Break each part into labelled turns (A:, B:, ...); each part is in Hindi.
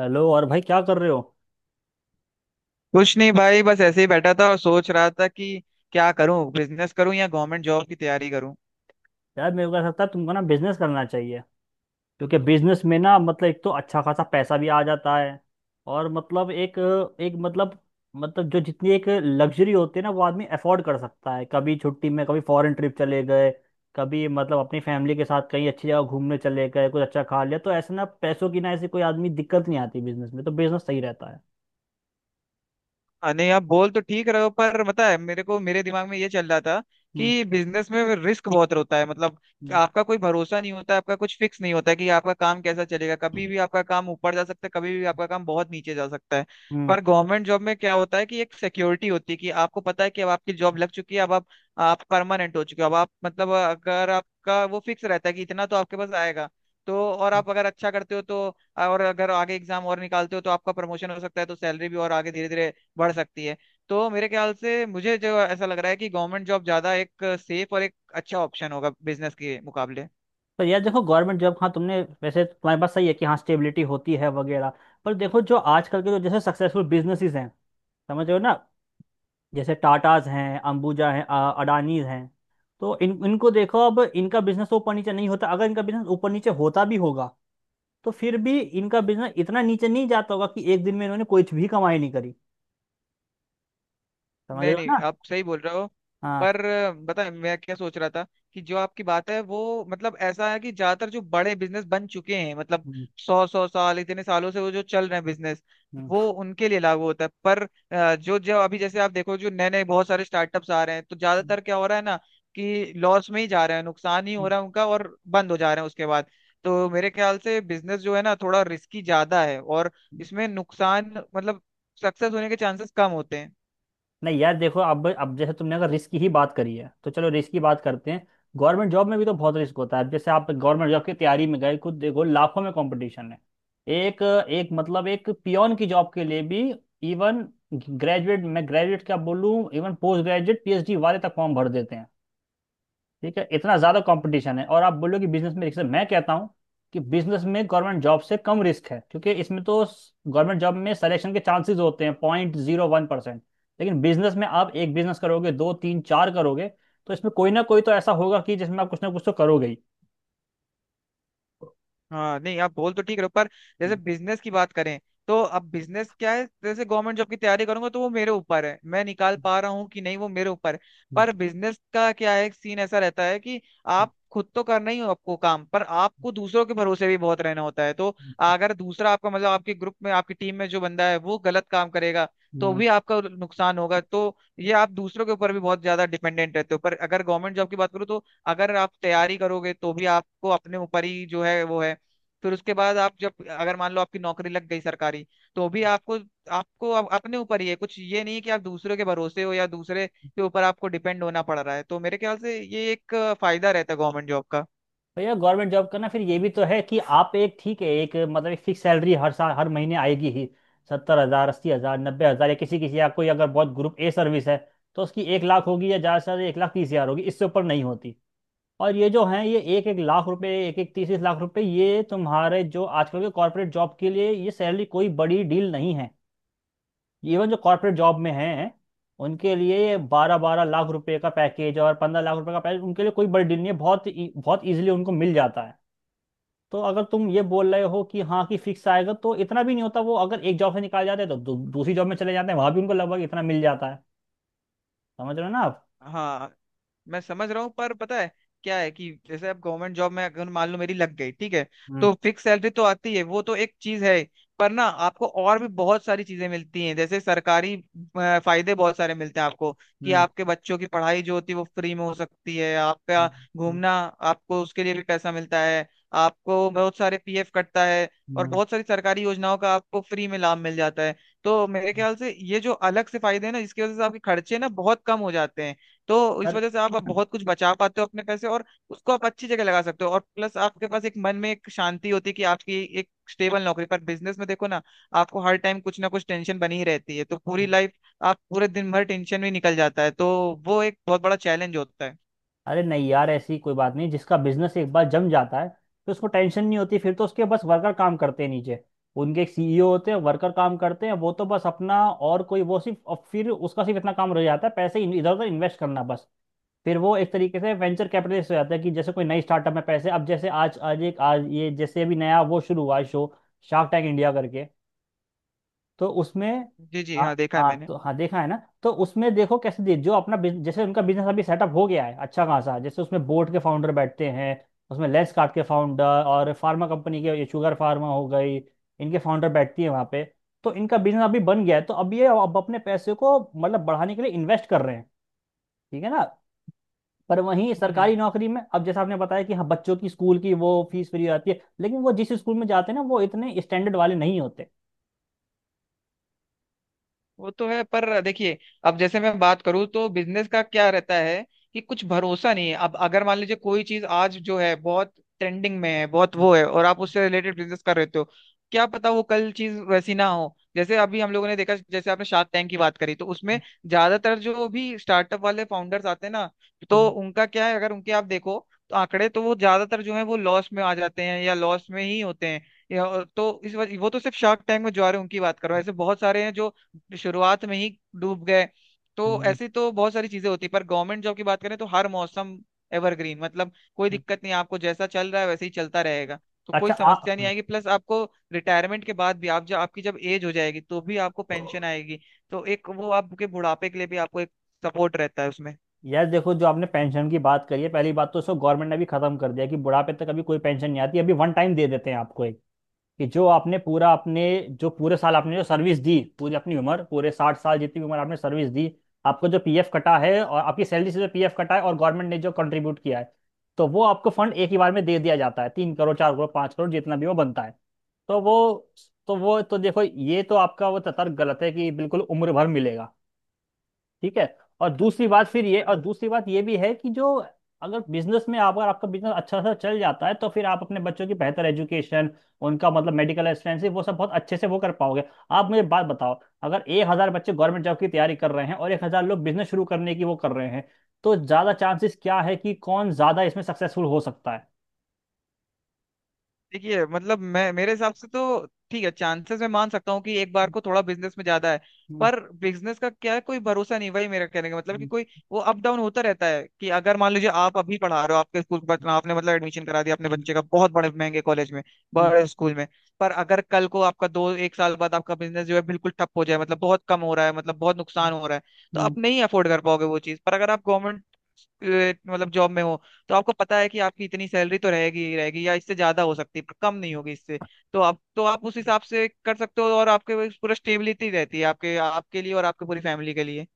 A: हेलो, और भाई, क्या कर रहे हो?
B: कुछ नहीं भाई, बस ऐसे ही बैठा था और सोच रहा था कि क्या करूं, बिजनेस करूं या गवर्नमेंट जॉब की तैयारी करूं।
A: यार, मेरे को ऐसा लगता है तुमको ना बिजनेस करना चाहिए। क्योंकि बिजनेस में ना मतलब एक तो अच्छा खासा पैसा भी आ जाता है। और मतलब एक एक मतलब मतलब जो जितनी एक लग्जरी होती है ना वो आदमी अफोर्ड कर सकता है, कभी छुट्टी में, कभी फॉरेन ट्रिप चले गए, कभी मतलब अपनी फैमिली के साथ कहीं अच्छी जगह घूमने चले गए, कुछ अच्छा खा लिया, तो ऐसे ना पैसों की ना ऐसी कोई आदमी दिक्कत नहीं आती बिजनेस में, तो बिजनेस सही रहता है।
B: अरे आप बोल तो ठीक रहे हो, पर पता है मेरे को मेरे दिमाग में ये चल रहा था
A: हम्म,
B: कि बिजनेस में रिस्क बहुत होता है, मतलब
A: हम्म,
B: आपका कोई भरोसा नहीं होता, आपका कुछ फिक्स नहीं होता है कि आपका काम कैसा चलेगा, कभी भी आपका काम ऊपर जा सकता है, कभी भी आपका काम बहुत नीचे जा सकता है।
A: हम्म,
B: पर गवर्नमेंट जॉब में क्या होता है कि एक सिक्योरिटी होती है, कि आपको पता है कि अब आपकी जॉब लग चुकी है, अब आप परमानेंट हो चुके हो, अब आप मतलब अगर आपका वो फिक्स रहता है कि इतना तो आपके पास आएगा। तो और
A: हम्म।
B: आप अगर अच्छा करते हो तो और अगर आगे एग्जाम और निकालते हो तो आपका प्रमोशन हो सकता है, तो सैलरी भी और आगे धीरे धीरे बढ़ सकती है। तो मेरे ख्याल से मुझे जो ऐसा लग रहा है कि गवर्नमेंट जॉब ज्यादा एक सेफ और एक अच्छा ऑप्शन होगा बिजनेस के मुकाबले।
A: पर यार देखो, गवर्नमेंट जॉब, हाँ तुमने, वैसे तुम्हारे पास सही है कि हाँ स्टेबिलिटी होती है वगैरह। पर देखो, जो आजकल के जो जैसे सक्सेसफुल बिजनेसेस हैं, समझ रहे हो ना? जैसे टाटाज हैं, अंबुजा हैं, अडानीज हैं। तो इन इनको देखो, अब इनका बिजनेस ऊपर नीचे नहीं होता। अगर इनका बिजनेस ऊपर नीचे होता भी होगा, तो फिर भी इनका बिजनेस इतना नीचे नहीं जाता होगा कि एक दिन में इन्होंने कुछ भी कमाई नहीं करी। समझ रहे
B: नहीं
A: हो
B: नहीं,
A: ना?
B: आप सही बोल रहे हो, पर
A: हाँ।
B: बताए मैं क्या सोच रहा था, कि जो आपकी बात है वो मतलब ऐसा है कि ज्यादातर जो बड़े बिजनेस बन चुके हैं, मतलब
A: हम्म,
B: सौ सौ साल, इतने सालों से वो जो चल रहे हैं बिजनेस,
A: हम्म,
B: वो उनके लिए लागू होता है। पर जो जो अभी जैसे आप देखो, जो नए नए बहुत सारे स्टार्टअप्स आ रहे हैं तो
A: हम्म,
B: ज्यादातर क्या हो रहा है ना, कि लॉस में ही जा रहे हैं, नुकसान ही हो
A: हम्म,
B: रहा है उनका और बंद हो जा रहे हैं उसके बाद। तो मेरे ख्याल से बिजनेस जो है ना थोड़ा रिस्की ज्यादा है और
A: हम्म।
B: इसमें नुकसान मतलब सक्सेस होने के चांसेस कम होते हैं।
A: नहीं यार देखो, अब जैसे तुमने अगर रिस्क की ही बात करी है, तो चलो रिस्क की बात करते हैं। गवर्नमेंट जॉब में भी तो बहुत रिस्क होता है। अब जैसे आप गवर्नमेंट जॉब की तैयारी में गए, खुद देखो, लाखों में कंपटीशन है। एक एक मतलब एक पियोन की जॉब के लिए भी। इवन ग्रेजुएट, मैं ग्रेजुएट क्या बोलूँ, इवन पोस्ट ग्रेजुएट पीएचडी वाले तक फॉर्म भर देते हैं। ठीक है, इतना ज़्यादा कंपटीशन है, और आप बोलो कि बिजनेस में रिस्क है। मैं कहता हूँ कि बिजनेस में गवर्नमेंट जॉब से कम रिस्क है, क्योंकि इसमें तो गवर्नमेंट जॉब में सिलेक्शन के चांसेस होते हैं 0.01%। लेकिन बिजनेस में आप एक बिजनेस करोगे, दो तीन चार करोगे, तो इसमें कोई ना कोई तो ऐसा होगा कि जिसमें आप कुछ ना कुछ तो करोगे ही।
B: हाँ नहीं, आप बोल तो ठीक रहे हो, पर जैसे
A: हम्म,
B: बिजनेस की बात करें, तो अब बिजनेस क्या है, जैसे गवर्नमेंट जॉब की तैयारी करूंगा तो वो मेरे ऊपर है, मैं निकाल पा रहा हूँ कि नहीं वो मेरे ऊपर है।
A: हम्म,
B: पर बिजनेस का क्या है, एक सीन ऐसा रहता है कि
A: हम्म,
B: आप खुद तो करना ही हो आपको काम, पर आपको दूसरों के भरोसे भी बहुत रहना होता है। तो
A: हम्म,
B: अगर दूसरा आपका मतलब आपके ग्रुप में आपकी टीम में जो बंदा है वो गलत काम करेगा तो
A: हम्म।
B: भी आपका नुकसान होगा, तो ये आप दूसरों के ऊपर भी बहुत ज्यादा डिपेंडेंट रहते हो। पर अगर गवर्नमेंट जॉब की बात करूँ तो अगर आप तैयारी करोगे तो भी आपको अपने ऊपर ही जो है वो है। फिर उसके बाद आप जब अगर मान लो आपकी नौकरी लग गई सरकारी, तो भी आपको आपको अप- अपने ऊपर ही है, कुछ ये नहीं है कि आप दूसरों के भरोसे हो या दूसरे के ऊपर आपको डिपेंड होना पड़ रहा है। तो मेरे ख्याल से ये एक फायदा रहता है गवर्नमेंट जॉब का।
A: भैया, गवर्नमेंट जॉब करना, फिर ये भी तो है कि आप एक, ठीक है, एक मतलब एक फिक्स सैलरी हर साल हर महीने आएगी ही। 70 हजार, 80 हजार, 90 हजार, या किसी किसी या कोई, अगर बहुत ग्रुप ए सर्विस है, तो उसकी 1 लाख होगी या ज़्यादा से ज़्यादा 1 लाख 30 हजार होगी, इससे ऊपर नहीं होती। और ये जो है ये एक एक लाख रुपए, एक एक तीस तीस लाख रुपए, ये तुम्हारे जो आजकल के कॉर्पोरेट जॉब के लिए ये सैलरी कोई बड़ी डील नहीं है। इवन जो कॉर्पोरेट जॉब में हैं, उनके लिए 12-12 लाख रुपए का पैकेज और 15 लाख रुपए का पैकेज उनके लिए कोई बड़ी डील नहीं है, बहुत इजीली उनको मिल जाता है। तो अगर तुम ये बोल रहे हो कि हाँ, कि फिक्स आएगा, तो इतना भी नहीं होता। वो अगर एक जॉब से निकाल जाते हैं तो दूसरी जॉब में चले जाते हैं, वहां भी उनको लगभग इतना मिल जाता है। समझ रहे हो ना आप?
B: हाँ, मैं समझ रहा हूँ, पर पता है क्या है, कि जैसे अब गवर्नमेंट जॉब में अगर मान लो मेरी लग गई, ठीक है,
A: हम्म,
B: तो फिक्स सैलरी तो आती है, वो तो एक चीज है। पर ना आपको और भी बहुत सारी चीजें मिलती हैं, जैसे सरकारी फायदे बहुत सारे मिलते हैं आपको, कि
A: हम्म,
B: आपके बच्चों की पढ़ाई जो होती है वो फ्री में हो सकती है, आपका
A: हम्म, हम्म,
B: घूमना, आपको उसके लिए भी पैसा मिलता है, आपको बहुत सारे पीएफ कटता है और
A: हम्म।
B: बहुत सारी सरकारी योजनाओं का आपको फ्री में लाभ मिल जाता है। तो मेरे ख्याल से ये जो अलग से फायदे हैं ना, इसकी वजह से आपके खर्चे ना बहुत कम हो जाते हैं। तो इस
A: अर-
B: वजह से आप बहुत कुछ बचा पाते हो अपने पैसे, और उसको आप अच्छी जगह लगा सकते हो और प्लस आपके पास एक मन में एक शांति होती है कि आपकी एक स्टेबल नौकरी। पर बिजनेस में देखो ना, आपको हर टाइम कुछ ना कुछ टेंशन बनी ही रहती है, तो पूरी लाइफ, आप पूरे दिन भर टेंशन में निकल जाता है, तो वो एक बहुत बड़ा चैलेंज होता है।
A: अरे नहीं यार, ऐसी कोई बात नहीं। जिसका बिजनेस एक बार जम जाता है, तो उसको टेंशन नहीं होती, फिर तो उसके बस वर्कर काम करते हैं नीचे, उनके एक सीईओ होते हैं, वर्कर काम करते हैं, वो तो बस अपना, और कोई वो सिर्फ, और फिर उसका सिर्फ इतना काम रह जाता है, पैसे इधर उधर इन्वेस्ट करना, बस। फिर वो एक तरीके से वेंचर कैपिटलिस्ट हो जाता है कि जैसे कोई नई स्टार्टअप में पैसे, अब जैसे आज आज एक आज ये जैसे अभी नया वो शुरू हुआ है शो, शार्क टैंक इंडिया करके, तो उसमें,
B: जी जी
A: हाँ,
B: हाँ, देखा है
A: हाँ,
B: मैंने।
A: तो हाँ, देखा है ना? तो उसमें देखो कैसे, दे जो अपना जैसे उनका बिजनेस अभी सेटअप हो गया है अच्छा खासा, जैसे उसमें बोर्ड के फाउंडर बैठते हैं। उसमें लेंस कार्ट के फाउंडर और फार्मा कंपनी के, ये शुगर फार्मा हो गई, इनके फाउंडर बैठती है वहाँ पे। तो इनका बिजनेस अभी बन गया है, तो अब ये अब अपने पैसे को मतलब बढ़ाने के लिए इन्वेस्ट कर रहे हैं, ठीक है ना? पर वहीं
B: हम्म हम्म।
A: सरकारी नौकरी में, अब जैसा आपने बताया कि हाँ, बच्चों की स्कूल की वो फीस फ्री रहती है, लेकिन वो जिस स्कूल में जाते हैं ना, वो इतने स्टैंडर्ड वाले नहीं होते।
B: वो तो है, पर देखिए, अब जैसे मैं बात करूं तो बिजनेस का क्या रहता है, कि कुछ भरोसा नहीं है। अब अगर मान लीजिए कोई चीज आज जो है बहुत ट्रेंडिंग में है, बहुत वो है और आप उससे रिलेटेड बिजनेस कर रहे हो, क्या पता वो कल चीज वैसी ना हो। जैसे अभी हम लोगों ने देखा, जैसे आपने शार्क टैंक की बात करी तो उसमें ज्यादातर जो भी स्टार्टअप वाले फाउंडर्स आते हैं ना, तो उनका क्या है, अगर उनके आप देखो तो आंकड़े तो वो ज्यादातर जो है वो लॉस में आ जाते हैं या लॉस में ही होते हैं। तो इस वजह, वो तो सिर्फ शार्क टैंक में जो आ रहे हैं उनकी बात कर रहा हूँ, ऐसे बहुत सारे हैं जो शुरुआत में ही डूब गए। तो ऐसी तो बहुत सारी चीजें होती है, पर गवर्नमेंट जॉब की बात करें तो हर मौसम एवरग्रीन, मतलब कोई दिक्कत नहीं, आपको जैसा चल रहा है वैसे ही चलता रहेगा, तो कोई
A: अच्छा
B: समस्या नहीं
A: आप।
B: आएगी। प्लस आपको रिटायरमेंट के बाद भी आप जब आपकी जब एज हो जाएगी तो भी आपको पेंशन आएगी, तो एक वो आपके बुढ़ापे के लिए भी आपको एक सपोर्ट रहता है उसमें।
A: यार देखो, जो आपने पेंशन की बात करी है, पहली बात तो उसको गवर्नमेंट ने भी खत्म कर दिया कि बुढ़ापे तक अभी कोई पेंशन नहीं आती, अभी वन टाइम दे देते हैं आपको एक, कि जो आपने पूरा अपने, जो पूरे साल आपने जो सर्विस दी, पूरी अपनी उम्र, पूरे 60 साल जितनी भी उम्र आपने सर्विस दी, आपको जो पीएफ कटा है और आपकी सैलरी से जो पीएफ कटा है और गवर्नमेंट ने जो कंट्रीब्यूट किया है, तो वो आपको फंड एक ही बार में दे दिया जाता है, 3 करोड़, 4 करोड़, 5 करोड़, जितना भी वो बनता है। तो वो तो वो तो देखो, ये तो आपका वो तर्क गलत है कि बिल्कुल उम्र भर मिलेगा। ठीक है। और दूसरी बात फिर, ये और दूसरी बात ये भी है कि जो, अगर बिजनेस में अगर आपका बिजनेस अच्छा सा चल जाता है, तो फिर आप अपने बच्चों की बेहतर एजुकेशन, उनका मतलब मेडिकल असिस्टेंसी, वो सब बहुत अच्छे से वो कर पाओगे। आप मुझे बात बताओ, अगर 1000 बच्चे गवर्नमेंट जॉब की तैयारी कर रहे हैं और 1000 लोग बिजनेस शुरू करने की वो कर रहे हैं, तो ज्यादा चांसेस क्या है कि कौन ज्यादा इसमें सक्सेसफुल हो सकता है?
B: देखिए मतलब मैं मेरे हिसाब से तो ठीक है, चांसेस मैं मान सकता हूँ कि एक बार को थोड़ा बिजनेस में ज्यादा है।
A: हम्म,
B: पर बिजनेस का क्या है, कोई भरोसा नहीं, वही मेरा कहने का मतलब, कि
A: हम्म,
B: कोई वो अप डाउन होता रहता है, कि अगर मान लीजिए आप अभी पढ़ा रहे हो आपके स्कूल के बच्चों, आपने मतलब एडमिशन करा दिया अपने
A: हम्म,
B: बच्चे का बहुत बड़े महंगे कॉलेज में,
A: हम्म,
B: बड़े स्कूल में, पर अगर कल को आपका दो एक साल बाद आपका बिजनेस जो है बिल्कुल ठप हो जाए, मतलब बहुत कम हो रहा है, मतलब बहुत नुकसान हो रहा है, तो
A: हम्म,
B: आप नहीं अफोर्ड कर पाओगे वो चीज। पर अगर आप गवर्नमेंट मतलब जॉब में हो, तो आपको पता है कि आपकी इतनी सैलरी तो रहेगी ही रहेगी, या इससे ज्यादा हो सकती है, पर कम नहीं
A: हम्म।
B: होगी इससे। तो आप उस हिसाब से कर सकते हो और आपके पास पूरा स्टेबिलिटी रहती है आपके आपके लिए और आपके पूरी फैमिली के लिए।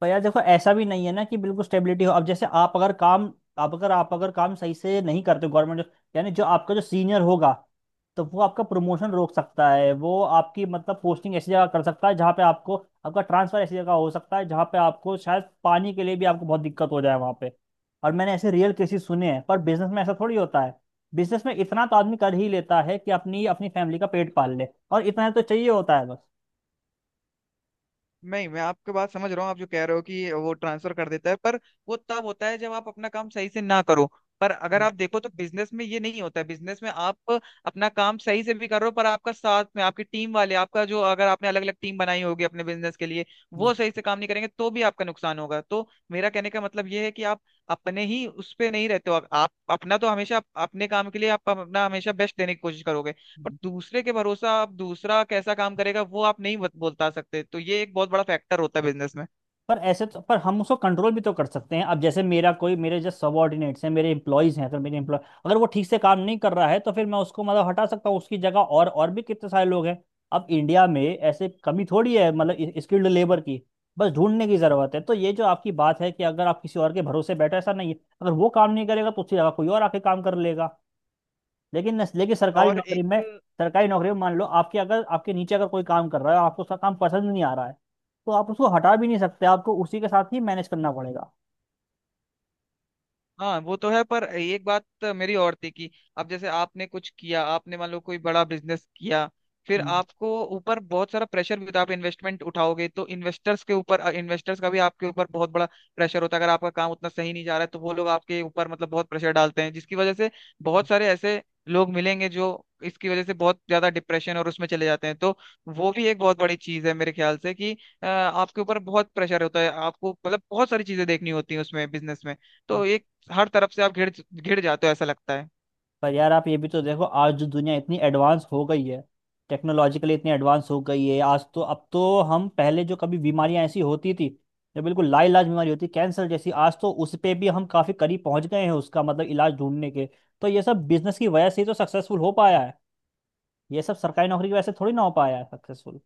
A: पर यार देखो, ऐसा भी नहीं है ना कि बिल्कुल स्टेबिलिटी हो। अब जैसे आप अगर काम सही से नहीं करते गवर्नमेंट, यानी जो आपका जो सीनियर होगा, तो वो आपका प्रमोशन रोक सकता है, वो आपकी मतलब पोस्टिंग ऐसी जगह कर सकता है जहाँ पे आपको, आपका ट्रांसफर ऐसी जगह हो सकता है जहाँ पे आपको शायद पानी के लिए भी आपको बहुत दिक्कत हो जाए वहाँ पे। और मैंने ऐसे रियल केसेस सुने हैं, पर बिजनेस में ऐसा थोड़ी होता है। बिजनेस में इतना तो आदमी कर ही लेता है कि अपनी अपनी फैमिली का पेट पाल ले, और इतना तो चाहिए होता है बस।
B: नहीं, मैं आपके बात समझ रहा हूँ, आप जो कह रहे हो कि वो ट्रांसफर कर देता है, पर वो तब होता है जब आप अपना काम सही से ना करो। पर अगर आप देखो तो बिजनेस में ये नहीं होता है, बिजनेस में आप अपना काम सही से भी कर रहे हो, पर आपका साथ में आपकी टीम वाले, आपका जो, अगर आपने अलग अलग टीम बनाई होगी अपने बिजनेस के लिए,
A: हम्म,
B: वो सही से काम नहीं करेंगे तो भी आपका नुकसान होगा। तो मेरा कहने का मतलब ये है कि आप अपने ही उस पे नहीं रहते हो, आप अपना तो हमेशा अपने काम के लिए, आप अपना हमेशा बेस्ट देने की कोशिश करोगे, पर
A: हम्म,
B: दूसरे के भरोसा आप दूसरा कैसा काम करेगा वो आप नहीं बता सकते, तो ये एक बहुत बड़ा फैक्टर होता है बिजनेस में।
A: पर ऐसे तो पर हम उसको कंट्रोल भी तो कर सकते हैं। अब जैसे मेरा कोई, मेरे जो सबॉर्डिनेट्स हैं, मेरे एम्प्लॉयज हैं, तो मेरे एम्प्लॉय अगर वो ठीक से काम नहीं कर रहा है तो फिर मैं उसको मतलब हटा सकता हूँ, उसकी जगह और भी कितने सारे लोग हैं। अब इंडिया में ऐसे कमी थोड़ी है मतलब स्किल्ड लेबर की, बस ढूंढने की जरूरत है। तो ये जो आपकी बात है कि अगर आप किसी और के भरोसे बैठे, ऐसा नहीं है, अगर वो काम नहीं करेगा तो उसकी जगह कोई और आके काम कर लेगा। लेकिन नस- लेकिन
B: और एक,
A: सरकारी नौकरी में मान लो आपके, अगर आपके नीचे अगर कोई काम कर रहा है और आपको उसका काम पसंद नहीं आ रहा है, तो आप उसको हटा भी नहीं सकते, आपको उसी के साथ ही मैनेज करना पड़ेगा।
B: हाँ, वो तो है, पर एक बात मेरी और थी, कि अब जैसे आपने कुछ किया, आपने मान लो कोई बड़ा बिजनेस किया, फिर
A: हम्म,
B: आपको ऊपर बहुत सारा प्रेशर भी होता है। आप इन्वेस्टमेंट उठाओगे तो इन्वेस्टर्स का भी आपके ऊपर बहुत बड़ा प्रेशर होता है, अगर आपका काम उतना सही नहीं जा रहा है तो वो लोग आपके ऊपर मतलब बहुत प्रेशर डालते हैं, जिसकी वजह से बहुत सारे ऐसे लोग मिलेंगे जो इसकी वजह से बहुत ज्यादा डिप्रेशन और उसमें चले जाते हैं। तो वो भी एक बहुत बड़ी चीज है मेरे ख्याल से, कि आपके ऊपर बहुत प्रेशर होता है, आपको मतलब बहुत सारी चीजें देखनी होती है उसमें बिजनेस में,
A: हाँ।
B: तो एक, हर तरफ से आप घिर घिर जाते हो ऐसा लगता है।
A: पर यार आप ये भी तो देखो, आज जो दुनिया इतनी एडवांस हो गई है, टेक्नोलॉजिकली इतनी एडवांस हो गई है, आज तो, अब तो हम, पहले जो कभी बीमारियां ऐसी होती थी जो बिल्कुल लाइलाज बीमारी होती, कैंसर जैसी, आज तो उस पे भी हम काफी करीब पहुंच गए हैं उसका मतलब इलाज ढूंढने के, तो ये सब बिजनेस की वजह से ही तो सक्सेसफुल हो पाया है। ये सब सरकारी नौकरी की वजह से थोड़ी ना हो पाया सक्सेसफुल,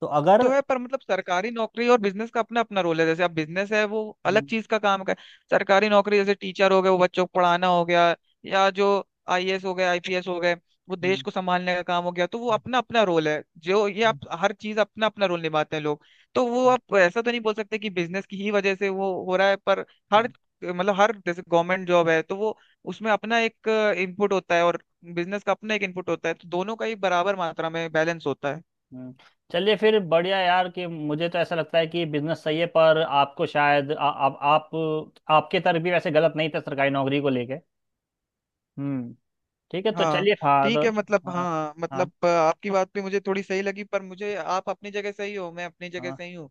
A: तो
B: तो
A: अगर।
B: है, पर मतलब सरकारी नौकरी और बिजनेस का अपना अपना रोल है, जैसे अब बिजनेस है वो अलग
A: हम्म,
B: चीज का काम का है। सरकारी नौकरी जैसे टीचर हो गए, वो बच्चों को पढ़ाना हो गया, या जो आईएएस हो गए, आईपीएस हो गए, वो देश
A: हम्म,
B: को संभालने का काम हो गया। तो वो अपना अपना रोल है, जो ये
A: हम्म,
B: आप हर चीज अपना अपना रोल निभाते हैं लोग। तो वो आप ऐसा तो नहीं बोल सकते कि बिजनेस की ही वजह से वो हो रहा है, पर हर
A: हम्म,
B: मतलब हर, जैसे गवर्नमेंट जॉब है तो वो उसमें अपना एक इनपुट होता है और बिजनेस का अपना एक इनपुट होता है, तो दोनों का ही बराबर मात्रा में बैलेंस होता है।
A: हम्म। चलिए फिर, बढ़िया यार, कि मुझे तो ऐसा लगता है कि बिजनेस सही है, पर आपको शायद आ, आप आपके तरफ भी वैसे गलत नहीं था सरकारी नौकरी को लेके। हम्म। ठीक है, तो
B: हाँ,
A: चलिए। हाँ,
B: ठीक
A: तो
B: है, मतलब
A: हाँ,
B: हाँ,
A: हाँ,
B: मतलब आपकी बात भी मुझे थोड़ी सही लगी, पर मुझे आप अपनी जगह सही हो, मैं अपनी जगह
A: हाँ,
B: सही हूँ।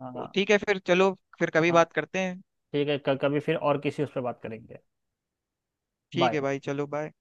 A: हाँ, हाँ,
B: ठीक है, फिर चलो, फिर कभी
A: हाँ।
B: बात करते हैं।
A: ठीक है, कभी फिर और किसी उस पर बात करेंगे।
B: ठीक
A: बाय।
B: है भाई, चलो बाय।